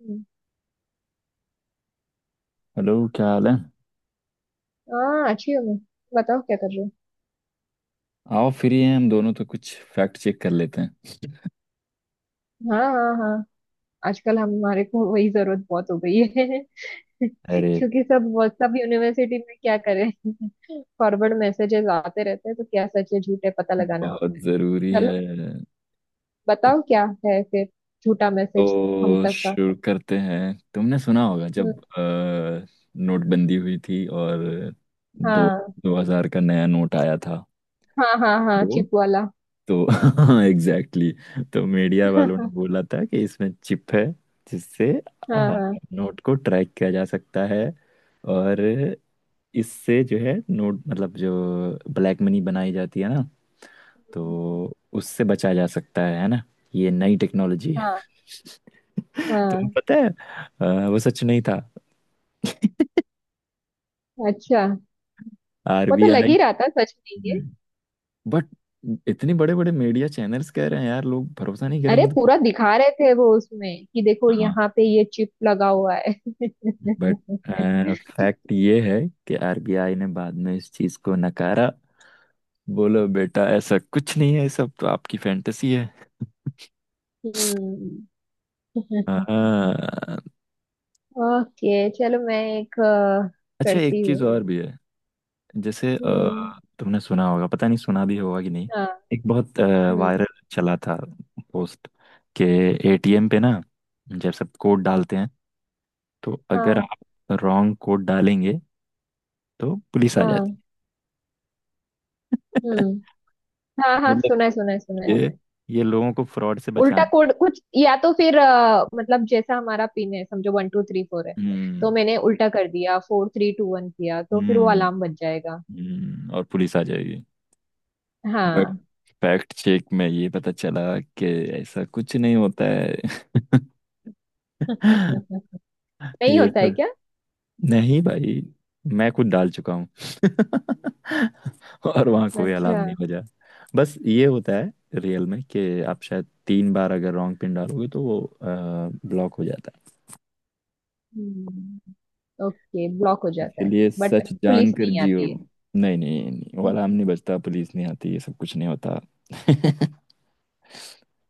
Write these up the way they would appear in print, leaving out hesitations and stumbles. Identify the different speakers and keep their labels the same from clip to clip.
Speaker 1: हम्म।
Speaker 2: Hello, क्या हाल है।
Speaker 1: हाँ, अच्छी हो मैं। बताओ, क्या कर रहे हो?
Speaker 2: आओ, फ्री हैं हम दोनों तो कुछ फैक्ट चेक कर लेते हैं।
Speaker 1: हाँ हाँ हाँ। आजकल हमारे को वही जरूरत बहुत हो गई है।
Speaker 2: अरे,
Speaker 1: क्योंकि सब व्हाट्सएप यूनिवर्सिटी में क्या करें, फॉरवर्ड मैसेजेस आते रहते हैं तो क्या सच है झूठ है पता लगाना
Speaker 2: बहुत
Speaker 1: होता
Speaker 2: ज़रूरी
Speaker 1: है। चलो,
Speaker 2: है।
Speaker 1: बताओ क्या है फिर, झूठा मैसेज हम
Speaker 2: तो
Speaker 1: तक का।
Speaker 2: शुरू करते हैं। तुमने सुना होगा
Speaker 1: हम्म।
Speaker 2: जब नोटबंदी हुई थी। और दो
Speaker 1: हाँ
Speaker 2: दो हजार का नया नोट आया था।
Speaker 1: हाँ हाँ हाँ,
Speaker 2: वो
Speaker 1: चिप वाला।
Speaker 2: तो एग्जैक्टली exactly, तो मीडिया वालों ने बोला था कि इसमें चिप है जिससे अ,
Speaker 1: हाँ हाँ।
Speaker 2: नोट को ट्रैक किया जा सकता है। और इससे जो है नोट मतलब जो ब्लैक मनी बनाई जाती है ना,
Speaker 1: हम्म।
Speaker 2: तो उससे बचा जा सकता है ना। ये नई टेक्नोलॉजी है
Speaker 1: हाँ
Speaker 2: तुम्हें
Speaker 1: हाँ,
Speaker 2: पता है वो सच नहीं था।
Speaker 1: अच्छा। वो तो लग
Speaker 2: आरबीआई।
Speaker 1: ही रहा था सच में ये।
Speaker 2: हम्म, बट इतने बड़े बड़े मीडिया चैनल्स कह रहे हैं, यार लोग भरोसा नहीं
Speaker 1: अरे,
Speaker 2: करेंगे तो
Speaker 1: पूरा
Speaker 2: क्या।
Speaker 1: दिखा रहे थे वो उसमें कि देखो
Speaker 2: हाँ,
Speaker 1: यहाँ पे ये चिप लगा हुआ है।
Speaker 2: बट
Speaker 1: हम्म।
Speaker 2: फैक्ट ये है कि आरबीआई ने बाद में इस चीज को नकारा। बोलो बेटा, ऐसा कुछ नहीं है, सब तो आपकी फैंटेसी है। हाँ।
Speaker 1: ओके, चलो मैं एक
Speaker 2: अच्छा, एक
Speaker 1: करती हूँ।
Speaker 2: चीज और भी है। जैसे
Speaker 1: हम्म।
Speaker 2: तुमने सुना होगा, पता नहीं सुना भी होगा कि नहीं।
Speaker 1: हाँ।
Speaker 2: एक बहुत
Speaker 1: हम्म।
Speaker 2: वायरल चला था पोस्ट के एटीएम पे ना। जब सब कोड डालते हैं तो अगर
Speaker 1: हाँ।
Speaker 2: आप रॉन्ग कोड डालेंगे तो पुलिस आ जाती
Speaker 1: हाँ।
Speaker 2: है
Speaker 1: हम्म। हाँ हाँ,
Speaker 2: मतलब
Speaker 1: सुना है सुना है सुना है।
Speaker 2: ये ये लोगों को फ्रॉड से
Speaker 1: उल्टा
Speaker 2: बचाने।
Speaker 1: कोड कुछ, या तो फिर मतलब जैसा हमारा पिन है, समझो 1234 है। तो
Speaker 2: हम्म,
Speaker 1: मैंने उल्टा कर दिया, 4321 किया तो फिर वो
Speaker 2: हम्म,
Speaker 1: अलार्म बज जाएगा।
Speaker 2: और पुलिस आ जाएगी। बट
Speaker 1: हाँ।
Speaker 2: फैक्ट चेक में ये पता चला कि ऐसा कुछ नहीं होता है
Speaker 1: नहीं,
Speaker 2: ये
Speaker 1: होता है
Speaker 2: सब।
Speaker 1: क्या?
Speaker 2: नहीं भाई, मैं खुद डाल चुका हूँ और वहाँ कोई अलाव
Speaker 1: अच्छा।
Speaker 2: नहीं बजा। बस ये होता है रियल में कि आप शायद 3 बार अगर रॉन्ग पिन डालोगे तो वो ब्लॉक हो जाता है।
Speaker 1: हम्म, ओके, ब्लॉक हो जाता है।
Speaker 2: इसलिए
Speaker 1: बट
Speaker 2: सच जान
Speaker 1: पुलिस
Speaker 2: कर
Speaker 1: नहीं
Speaker 2: जियो।
Speaker 1: आती है।
Speaker 2: नहीं, नहीं, नहीं, वो अलार्म नहीं बजता, पुलिस नहीं आती, ये सब कुछ नहीं होता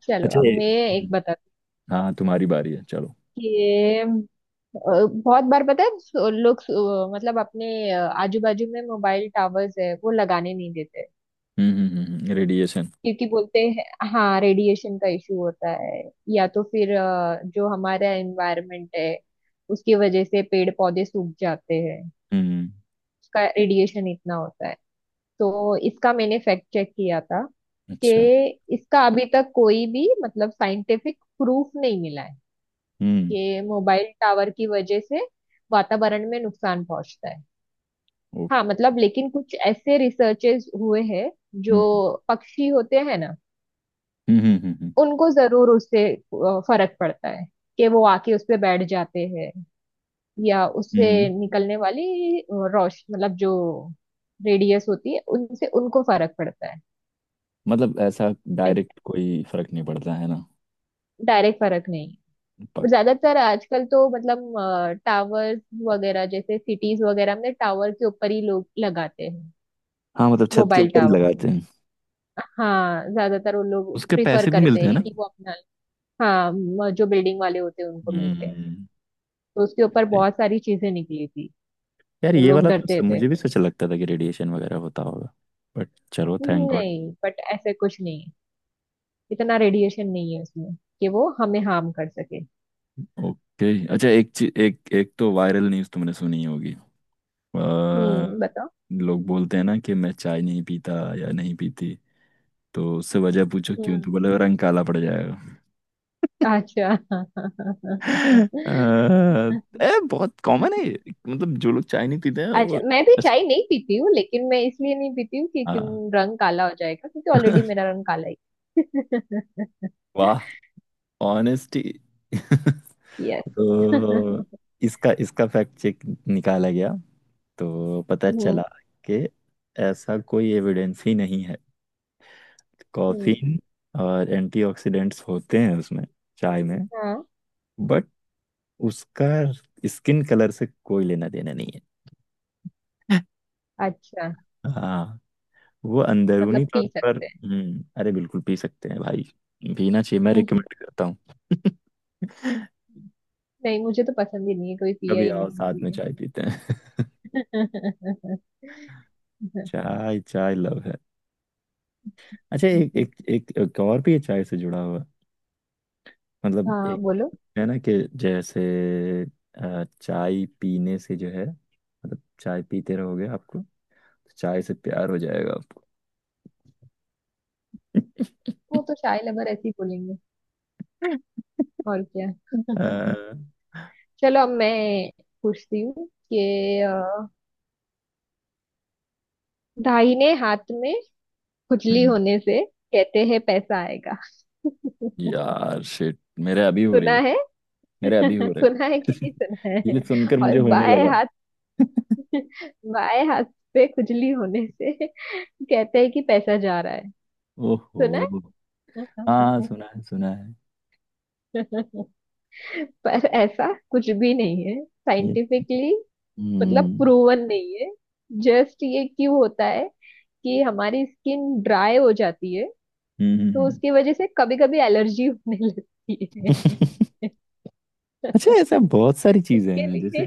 Speaker 1: चलो
Speaker 2: अच्छा
Speaker 1: अब मैं एक बताती।
Speaker 2: हाँ, तुम्हारी बारी है, चलो।
Speaker 1: ये बहुत बार पता है लोग मतलब अपने आजू बाजू में मोबाइल टावर्स है वो लगाने नहीं देते,
Speaker 2: हम्म, रेडिएशन।
Speaker 1: क्योंकि बोलते हैं। हाँ, रेडिएशन का इशू होता है, या तो फिर जो हमारा एनवायरनमेंट है, उसकी वजह से पेड़ पौधे सूख जाते हैं।
Speaker 2: हम्म, radiation,
Speaker 1: उसका रेडिएशन इतना होता है। तो इसका मैंने फैक्ट चेक किया था कि
Speaker 2: अच्छा।
Speaker 1: इसका अभी तक कोई भी मतलब साइंटिफिक प्रूफ नहीं मिला है
Speaker 2: हम्म।
Speaker 1: कि मोबाइल टावर की वजह से वातावरण में नुकसान पहुंचता है।
Speaker 2: ओ।
Speaker 1: हाँ मतलब, लेकिन कुछ ऐसे रिसर्चेस हुए हैं, जो
Speaker 2: हम्म,
Speaker 1: पक्षी होते हैं ना,
Speaker 2: हम्म, हम्म, हम्म,
Speaker 1: उनको जरूर उससे फर्क पड़ता है कि वो आके उस पे बैठ जाते हैं, या
Speaker 2: हम्म,
Speaker 1: उससे निकलने वाली रोश मतलब जो रेडियस होती है उनसे उनको फर्क पड़ता
Speaker 2: मतलब ऐसा
Speaker 1: है।
Speaker 2: डायरेक्ट कोई फर्क नहीं पड़ता है ना।
Speaker 1: डायरेक्ट फर्क नहीं।
Speaker 2: पक
Speaker 1: ज्यादातर आजकल तो मतलब टावर्स वगैरह जैसे सिटीज वगैरह में टावर के ऊपर ही लोग लगाते हैं,
Speaker 2: हाँ, मतलब छत के
Speaker 1: मोबाइल
Speaker 2: ऊपर ही
Speaker 1: टावर।
Speaker 2: लगाते हैं।
Speaker 1: हाँ, ज्यादातर वो लोग
Speaker 2: उसके
Speaker 1: प्रिफर
Speaker 2: पैसे भी
Speaker 1: करते
Speaker 2: मिलते हैं
Speaker 1: हैं
Speaker 2: ना।
Speaker 1: कि वो अपना। हाँ, जो बिल्डिंग वाले होते हैं उनको मिलते हैं।
Speaker 2: हम्म।
Speaker 1: तो उसके ऊपर
Speaker 2: सही।
Speaker 1: बहुत सारी चीजें निकली थी।
Speaker 2: यार,
Speaker 1: तो
Speaker 2: ये
Speaker 1: लोग
Speaker 2: वाला तो
Speaker 1: डरते
Speaker 2: सब
Speaker 1: थे।
Speaker 2: मुझे भी सोचा, लगता था कि रेडिएशन वगैरह होता होगा। बट चलो, थैंक गॉड।
Speaker 1: नहीं, बट ऐसे कुछ नहीं है, इतना रेडिएशन नहीं है उसमें कि वो हमें हार्म कर सके।
Speaker 2: ओके, अच्छा एक चीज, एक एक तो वायरल न्यूज़ तुमने सुनी होगी। अ,
Speaker 1: हम्म, बताओ।
Speaker 2: लोग बोलते हैं ना कि मैं चाय नहीं पीता या नहीं पीती। तो उससे वजह पूछो क्यों, तो
Speaker 1: हम्म।
Speaker 2: बोले रंग काला पड़ जाएगा।
Speaker 1: अच्छा।
Speaker 2: अ, बहुत कॉमन है ये। मतलब जो लोग चाय नहीं पीते हैं
Speaker 1: अच्छा,
Speaker 2: वो
Speaker 1: मैं भी
Speaker 2: ऐस-
Speaker 1: चाय नहीं पीती हूँ, लेकिन मैं इसलिए नहीं पीती हूँ कि
Speaker 2: हाँ।
Speaker 1: रंग काला हो जाएगा क्योंकि ऑलरेडी मेरा रंग काला ही।
Speaker 2: वाह, ऑनेस्टी
Speaker 1: यस।
Speaker 2: तो
Speaker 1: हम्म।
Speaker 2: इसका इसका फैक्ट चेक निकाला गया। तो पता चला कि ऐसा कोई एविडेंस ही नहीं है।
Speaker 1: हम्म।
Speaker 2: कॉफीन और एंटीऑक्सीडेंट्स होते हैं उसमें, चाय में।
Speaker 1: हाँ।
Speaker 2: बट उसका स्किन कलर से कोई लेना देना नहीं है
Speaker 1: अच्छा,
Speaker 2: हाँ, वो अंदरूनी
Speaker 1: मतलब
Speaker 2: तौर
Speaker 1: पी
Speaker 2: पर
Speaker 1: सकते हैं।
Speaker 2: अरे बिल्कुल पी सकते हैं भाई। पीना चाहिए, मैं रिकमेंड करता हूँ
Speaker 1: नहीं, मुझे तो पसंद ही नहीं है, कोई पिया
Speaker 2: कभी
Speaker 1: ही
Speaker 2: आओ,
Speaker 1: नहीं
Speaker 2: साथ में
Speaker 1: इसलिए।
Speaker 2: चाय पीते हैं चाय चाय लव है। अच्छा, एक और भी है चाय से जुड़ा हुआ। मतलब
Speaker 1: हाँ,
Speaker 2: एक
Speaker 1: बोलो।
Speaker 2: है ना कि जैसे चाय पीने से जो है मतलब चाय पीते रहोगे, आपको तो चाय से प्यार हो जाएगा आपको।
Speaker 1: वो तो चाय लवर ऐसे ही बोलेंगे, और क्या।
Speaker 2: अ,
Speaker 1: चलो अब मैं पूछती हूँ कि दाहिने हाथ में खुजली
Speaker 2: हम्म,
Speaker 1: होने से कहते हैं पैसा आएगा।
Speaker 2: यार शिट, मेरे अभी हो रही
Speaker 1: सुना
Speaker 2: है,
Speaker 1: है।
Speaker 2: मेरे अभी हो रहे
Speaker 1: सुना है कि
Speaker 2: हैं
Speaker 1: नहीं सुना है।
Speaker 2: ये सुनकर
Speaker 1: और
Speaker 2: मुझे होने
Speaker 1: बाएं
Speaker 2: लगा
Speaker 1: हाथ। बाएं हाथ पे खुजली होने से कहते हैं कि पैसा जा रहा है। सुना।
Speaker 2: ओहो, हाँ
Speaker 1: पर
Speaker 2: सुना है, सुना है
Speaker 1: ऐसा कुछ भी नहीं है
Speaker 2: ये।
Speaker 1: साइंटिफिकली, मतलब
Speaker 2: हम्म,
Speaker 1: प्रूवन नहीं है। जस्ट ये क्यों होता है कि हमारी स्किन ड्राई हो जाती है,
Speaker 2: हम्म,
Speaker 1: तो
Speaker 2: हम्म।
Speaker 1: उसकी वजह से कभी कभी एलर्जी होने लगती है।
Speaker 2: अच्छा, ऐसा बहुत सारी चीजें
Speaker 1: इसके
Speaker 2: हैं, जैसे
Speaker 1: लिए,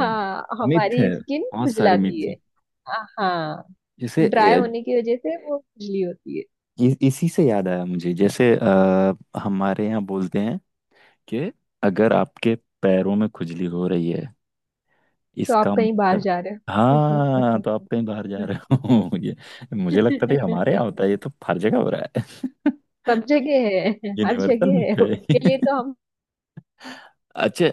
Speaker 1: हाँ,
Speaker 2: मिथ है,
Speaker 1: हमारी स्किन
Speaker 2: बहुत सारे
Speaker 1: खुजलाती
Speaker 2: मिथ
Speaker 1: है।
Speaker 2: हैं।
Speaker 1: हाँ,
Speaker 2: जैसे
Speaker 1: ड्राई होने की वजह से वो खुजली होती है।
Speaker 2: इसी से याद आया मुझे। जैसे हमारे यहाँ बोलते हैं कि अगर आपके पैरों में खुजली हो रही है,
Speaker 1: तो आप
Speaker 2: इसका
Speaker 1: कहीं बाहर
Speaker 2: मतलब
Speaker 1: जा रहे
Speaker 2: हाँ
Speaker 1: हो।
Speaker 2: तो आप कहीं बाहर जा रहे हो ये मुझे लगता था ये हमारे यहाँ होता है, ये तो हर जगह हो रहा है
Speaker 1: सब जगह है। हर
Speaker 2: यूनिवर्सल
Speaker 1: जगह
Speaker 2: में
Speaker 1: है, इसके लिए
Speaker 2: है
Speaker 1: तो हम
Speaker 2: अच्छा,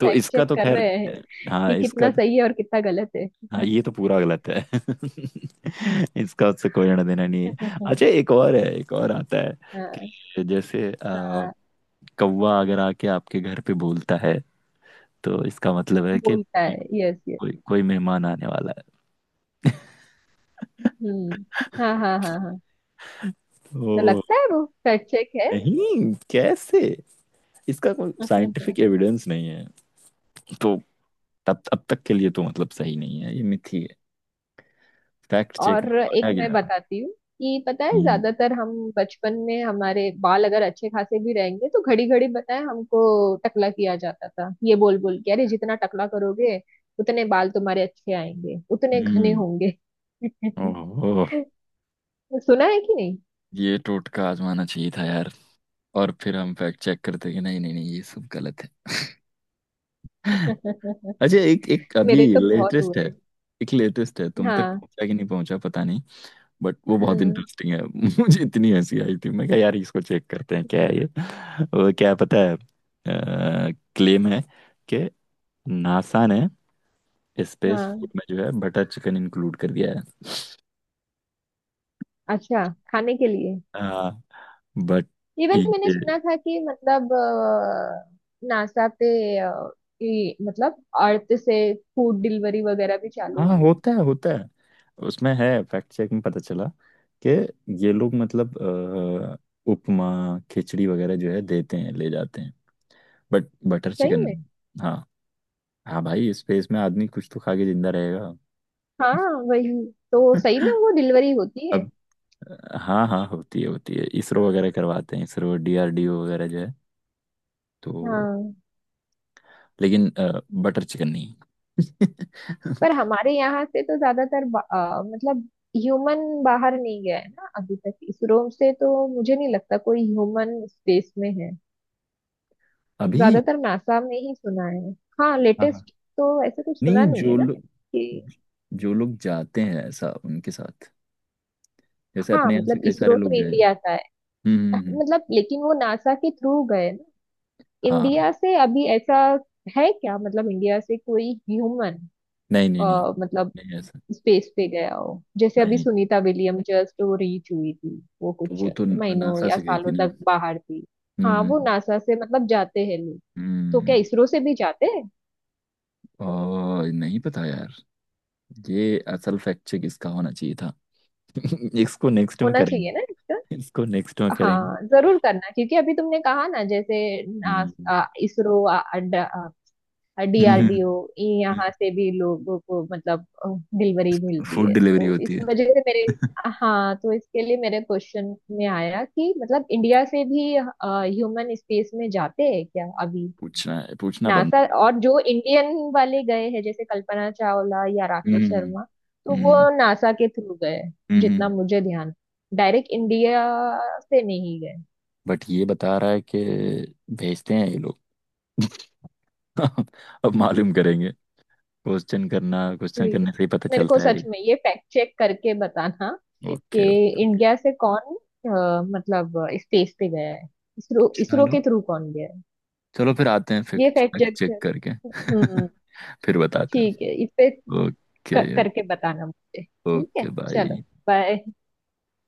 Speaker 2: तो
Speaker 1: फैक्ट
Speaker 2: इसका
Speaker 1: चेक
Speaker 2: तो
Speaker 1: कर
Speaker 2: खैर
Speaker 1: रहे हैं
Speaker 2: हाँ,
Speaker 1: कि
Speaker 2: इसका
Speaker 1: कितना
Speaker 2: तो
Speaker 1: सही है और कितना गलत है।
Speaker 2: हाँ, ये तो पूरा गलत है इसका उससे कोई लेना देना नहीं है। अच्छा एक और है, एक और आता है
Speaker 1: हाँ।
Speaker 2: कि जैसे
Speaker 1: हाँ,
Speaker 2: कौवा अगर आके आपके घर पे बोलता है तो इसका मतलब है कि
Speaker 1: बोलता
Speaker 2: कोई,
Speaker 1: है, यस यस।
Speaker 2: कोई मेहमान आने वाला है।
Speaker 1: हम्म। हाँ हाँ हाँ हाँ, तो
Speaker 2: ओ,
Speaker 1: लगता है वो फैक्ट चेक है।
Speaker 2: नहीं, कैसे, इसका कोई साइंटिफिक एविडेंस नहीं है। तो तब अब तक के लिए तो मतलब सही नहीं है, ये मिथी है। फैक्ट चेक में
Speaker 1: और एक मैं
Speaker 2: पाया
Speaker 1: बताती हूँ कि पता है
Speaker 2: गया।
Speaker 1: ज्यादातर हम बचपन में हमारे बाल अगर अच्छे खासे भी रहेंगे तो घड़ी घड़ी बताए हमको टकला किया जाता था, ये बोल बोल के, अरे जितना टकला करोगे उतने बाल तुम्हारे अच्छे आएंगे उतने घने
Speaker 2: हम्म।
Speaker 1: होंगे।
Speaker 2: ओहो,
Speaker 1: सुना है कि नहीं।
Speaker 2: ये टोटका आजमाना चाहिए था यार। और फिर हम फैक्ट चेक करते कि नहीं नहीं नहीं, ये सब गलत है अच्छा एक एक अभी
Speaker 1: मेरे तो बहुत
Speaker 2: लेटेस्ट है।
Speaker 1: हुए।
Speaker 2: एक लेटेस्ट है, तुम तक
Speaker 1: हाँ।
Speaker 2: पहुंचा कि नहीं पहुंचा पता नहीं। बट वो बहुत
Speaker 1: हम्म।
Speaker 2: इंटरेस्टिंग है मुझे इतनी हंसी आई थी, मैं कहा यार इसको चेक करते हैं क्या है ये वो क्या पता है। क्लेम है कि नासा ने स्पेस फूड
Speaker 1: हाँ।
Speaker 2: में जो है बटर चिकन इंक्लूड कर दिया है
Speaker 1: अच्छा, खाने के लिए।
Speaker 2: हाँ बट
Speaker 1: इवन मैंने सुना था कि मतलब नासा पे अ, मतलब अर्थ से फूड डिलीवरी वगैरह भी चालू
Speaker 2: हाँ,
Speaker 1: हुई।
Speaker 2: होता है, होता है। उसमें है, फैक्ट चेक में पता चला कि ये लोग मतलब उपमा, खिचड़ी वगैरह जो है देते हैं, ले जाते हैं। बट बटर
Speaker 1: सही
Speaker 2: चिकन।
Speaker 1: में।
Speaker 2: हाँ, हाँ भाई, स्पेस में आदमी कुछ तो खा के जिंदा रहेगा।
Speaker 1: हाँ, वही। तो सही में वो डिलीवरी होती है।
Speaker 2: अब हाँ, हाँ होती है, होती है। इसरो वगैरह करवाते हैं, इसरो डीआरडीओ वगैरह जो है। तो
Speaker 1: हाँ।
Speaker 2: लेकिन बटर चिकन नहीं
Speaker 1: पर हमारे यहाँ से तो ज्यादातर मतलब ह्यूमन बाहर नहीं गया है ना अभी तक इसरो से, तो मुझे नहीं लगता कोई ह्यूमन स्पेस में है।
Speaker 2: अभी
Speaker 1: ज्यादातर नासा में ही सुना है। हाँ,
Speaker 2: हाँ, हाँ।
Speaker 1: लेटेस्ट तो ऐसा कुछ सुना
Speaker 2: नहीं
Speaker 1: नहीं है
Speaker 2: जो
Speaker 1: ना।
Speaker 2: लोग जो लोग जाते हैं ऐसा उनके साथ। जैसे
Speaker 1: हाँ
Speaker 2: अपने यहाँ से
Speaker 1: मतलब
Speaker 2: कई सारे
Speaker 1: इसरो तो
Speaker 2: लोग गए हैं।
Speaker 1: इंडिया का
Speaker 2: हम्म,
Speaker 1: है, मतलब लेकिन वो नासा के थ्रू गए ना।
Speaker 2: हाँ।
Speaker 1: इंडिया से अभी ऐसा है क्या, मतलब इंडिया से कोई ह्यूमन
Speaker 2: नहीं, नहीं, नहीं,
Speaker 1: मतलब
Speaker 2: नहीं ऐसा।
Speaker 1: स्पेस पे गया हो? जैसे अभी
Speaker 2: नहीं
Speaker 1: सुनीता विलियम जस्ट वो रीच हुई थी, वो
Speaker 2: तो
Speaker 1: कुछ
Speaker 2: वो तो
Speaker 1: महीनों
Speaker 2: नासा
Speaker 1: या
Speaker 2: से गई थी
Speaker 1: सालों
Speaker 2: ना।
Speaker 1: तक बाहर थी।
Speaker 2: हम्म,
Speaker 1: हाँ, वो
Speaker 2: हम्म,
Speaker 1: नासा से मतलब जाते हैं लोग, तो क्या
Speaker 2: हम्म,
Speaker 1: इसरो से भी जाते हैं?
Speaker 2: और नहीं पता यार। ये असल फैक्ट चेक इसका होना चाहिए था इसको नेक्स्ट में
Speaker 1: होना चाहिए ना
Speaker 2: करेंगे,
Speaker 1: इसका।
Speaker 2: इसको नेक्स्ट में करेंगे।
Speaker 1: हाँ, जरूर करना क्योंकि अभी तुमने कहा ना जैसे
Speaker 2: हम्म,
Speaker 1: इसरो,
Speaker 2: हम्म।
Speaker 1: डीआरडीओ, यहाँ से भी लोगों को मतलब डिलीवरी मिलती
Speaker 2: फूड
Speaker 1: है,
Speaker 2: डिलीवरी
Speaker 1: तो
Speaker 2: होती
Speaker 1: इस
Speaker 2: है
Speaker 1: वजह से मेरे। हाँ, तो इसके लिए मेरे क्वेश्चन में आया कि मतलब इंडिया से भी ह्यूमन स्पेस में जाते हैं क्या अभी?
Speaker 2: पूछना है, पूछना
Speaker 1: नासा
Speaker 2: बनता है।
Speaker 1: और जो इंडियन वाले गए हैं जैसे कल्पना चावला या राकेश
Speaker 2: हम्म,
Speaker 1: शर्मा, तो वो
Speaker 2: हम्म,
Speaker 1: नासा के थ्रू गए हैं, जितना
Speaker 2: हम्म,
Speaker 1: मुझे ध्यान, डायरेक्ट इंडिया से नहीं गए।
Speaker 2: बट ये बता रहा है कि भेजते हैं ये लोग अब मालूम करेंगे। क्वेश्चन करना, क्वेश्चन
Speaker 1: प्लीज
Speaker 2: करने से ही पता
Speaker 1: मेरे को
Speaker 2: चलता है।
Speaker 1: सच
Speaker 2: अरे,
Speaker 1: में ये फैक्ट चेक करके बताना कि
Speaker 2: ओके ओके।
Speaker 1: इंडिया से कौन मतलब स्पेस पे गया है। इसरो, इसरो
Speaker 2: चलो,
Speaker 1: के थ्रू कौन गया है।
Speaker 2: चलो फिर आते हैं
Speaker 1: ये
Speaker 2: फैक्ट
Speaker 1: फैक्ट चेक
Speaker 2: चेक
Speaker 1: कर।
Speaker 2: करके
Speaker 1: हम्म।
Speaker 2: फिर बताते
Speaker 1: ठीक है, इस पे
Speaker 2: हैं। ओके,
Speaker 1: करके बताना मुझे। ठीक
Speaker 2: ओके
Speaker 1: है,
Speaker 2: बाय।
Speaker 1: चलो। बाय।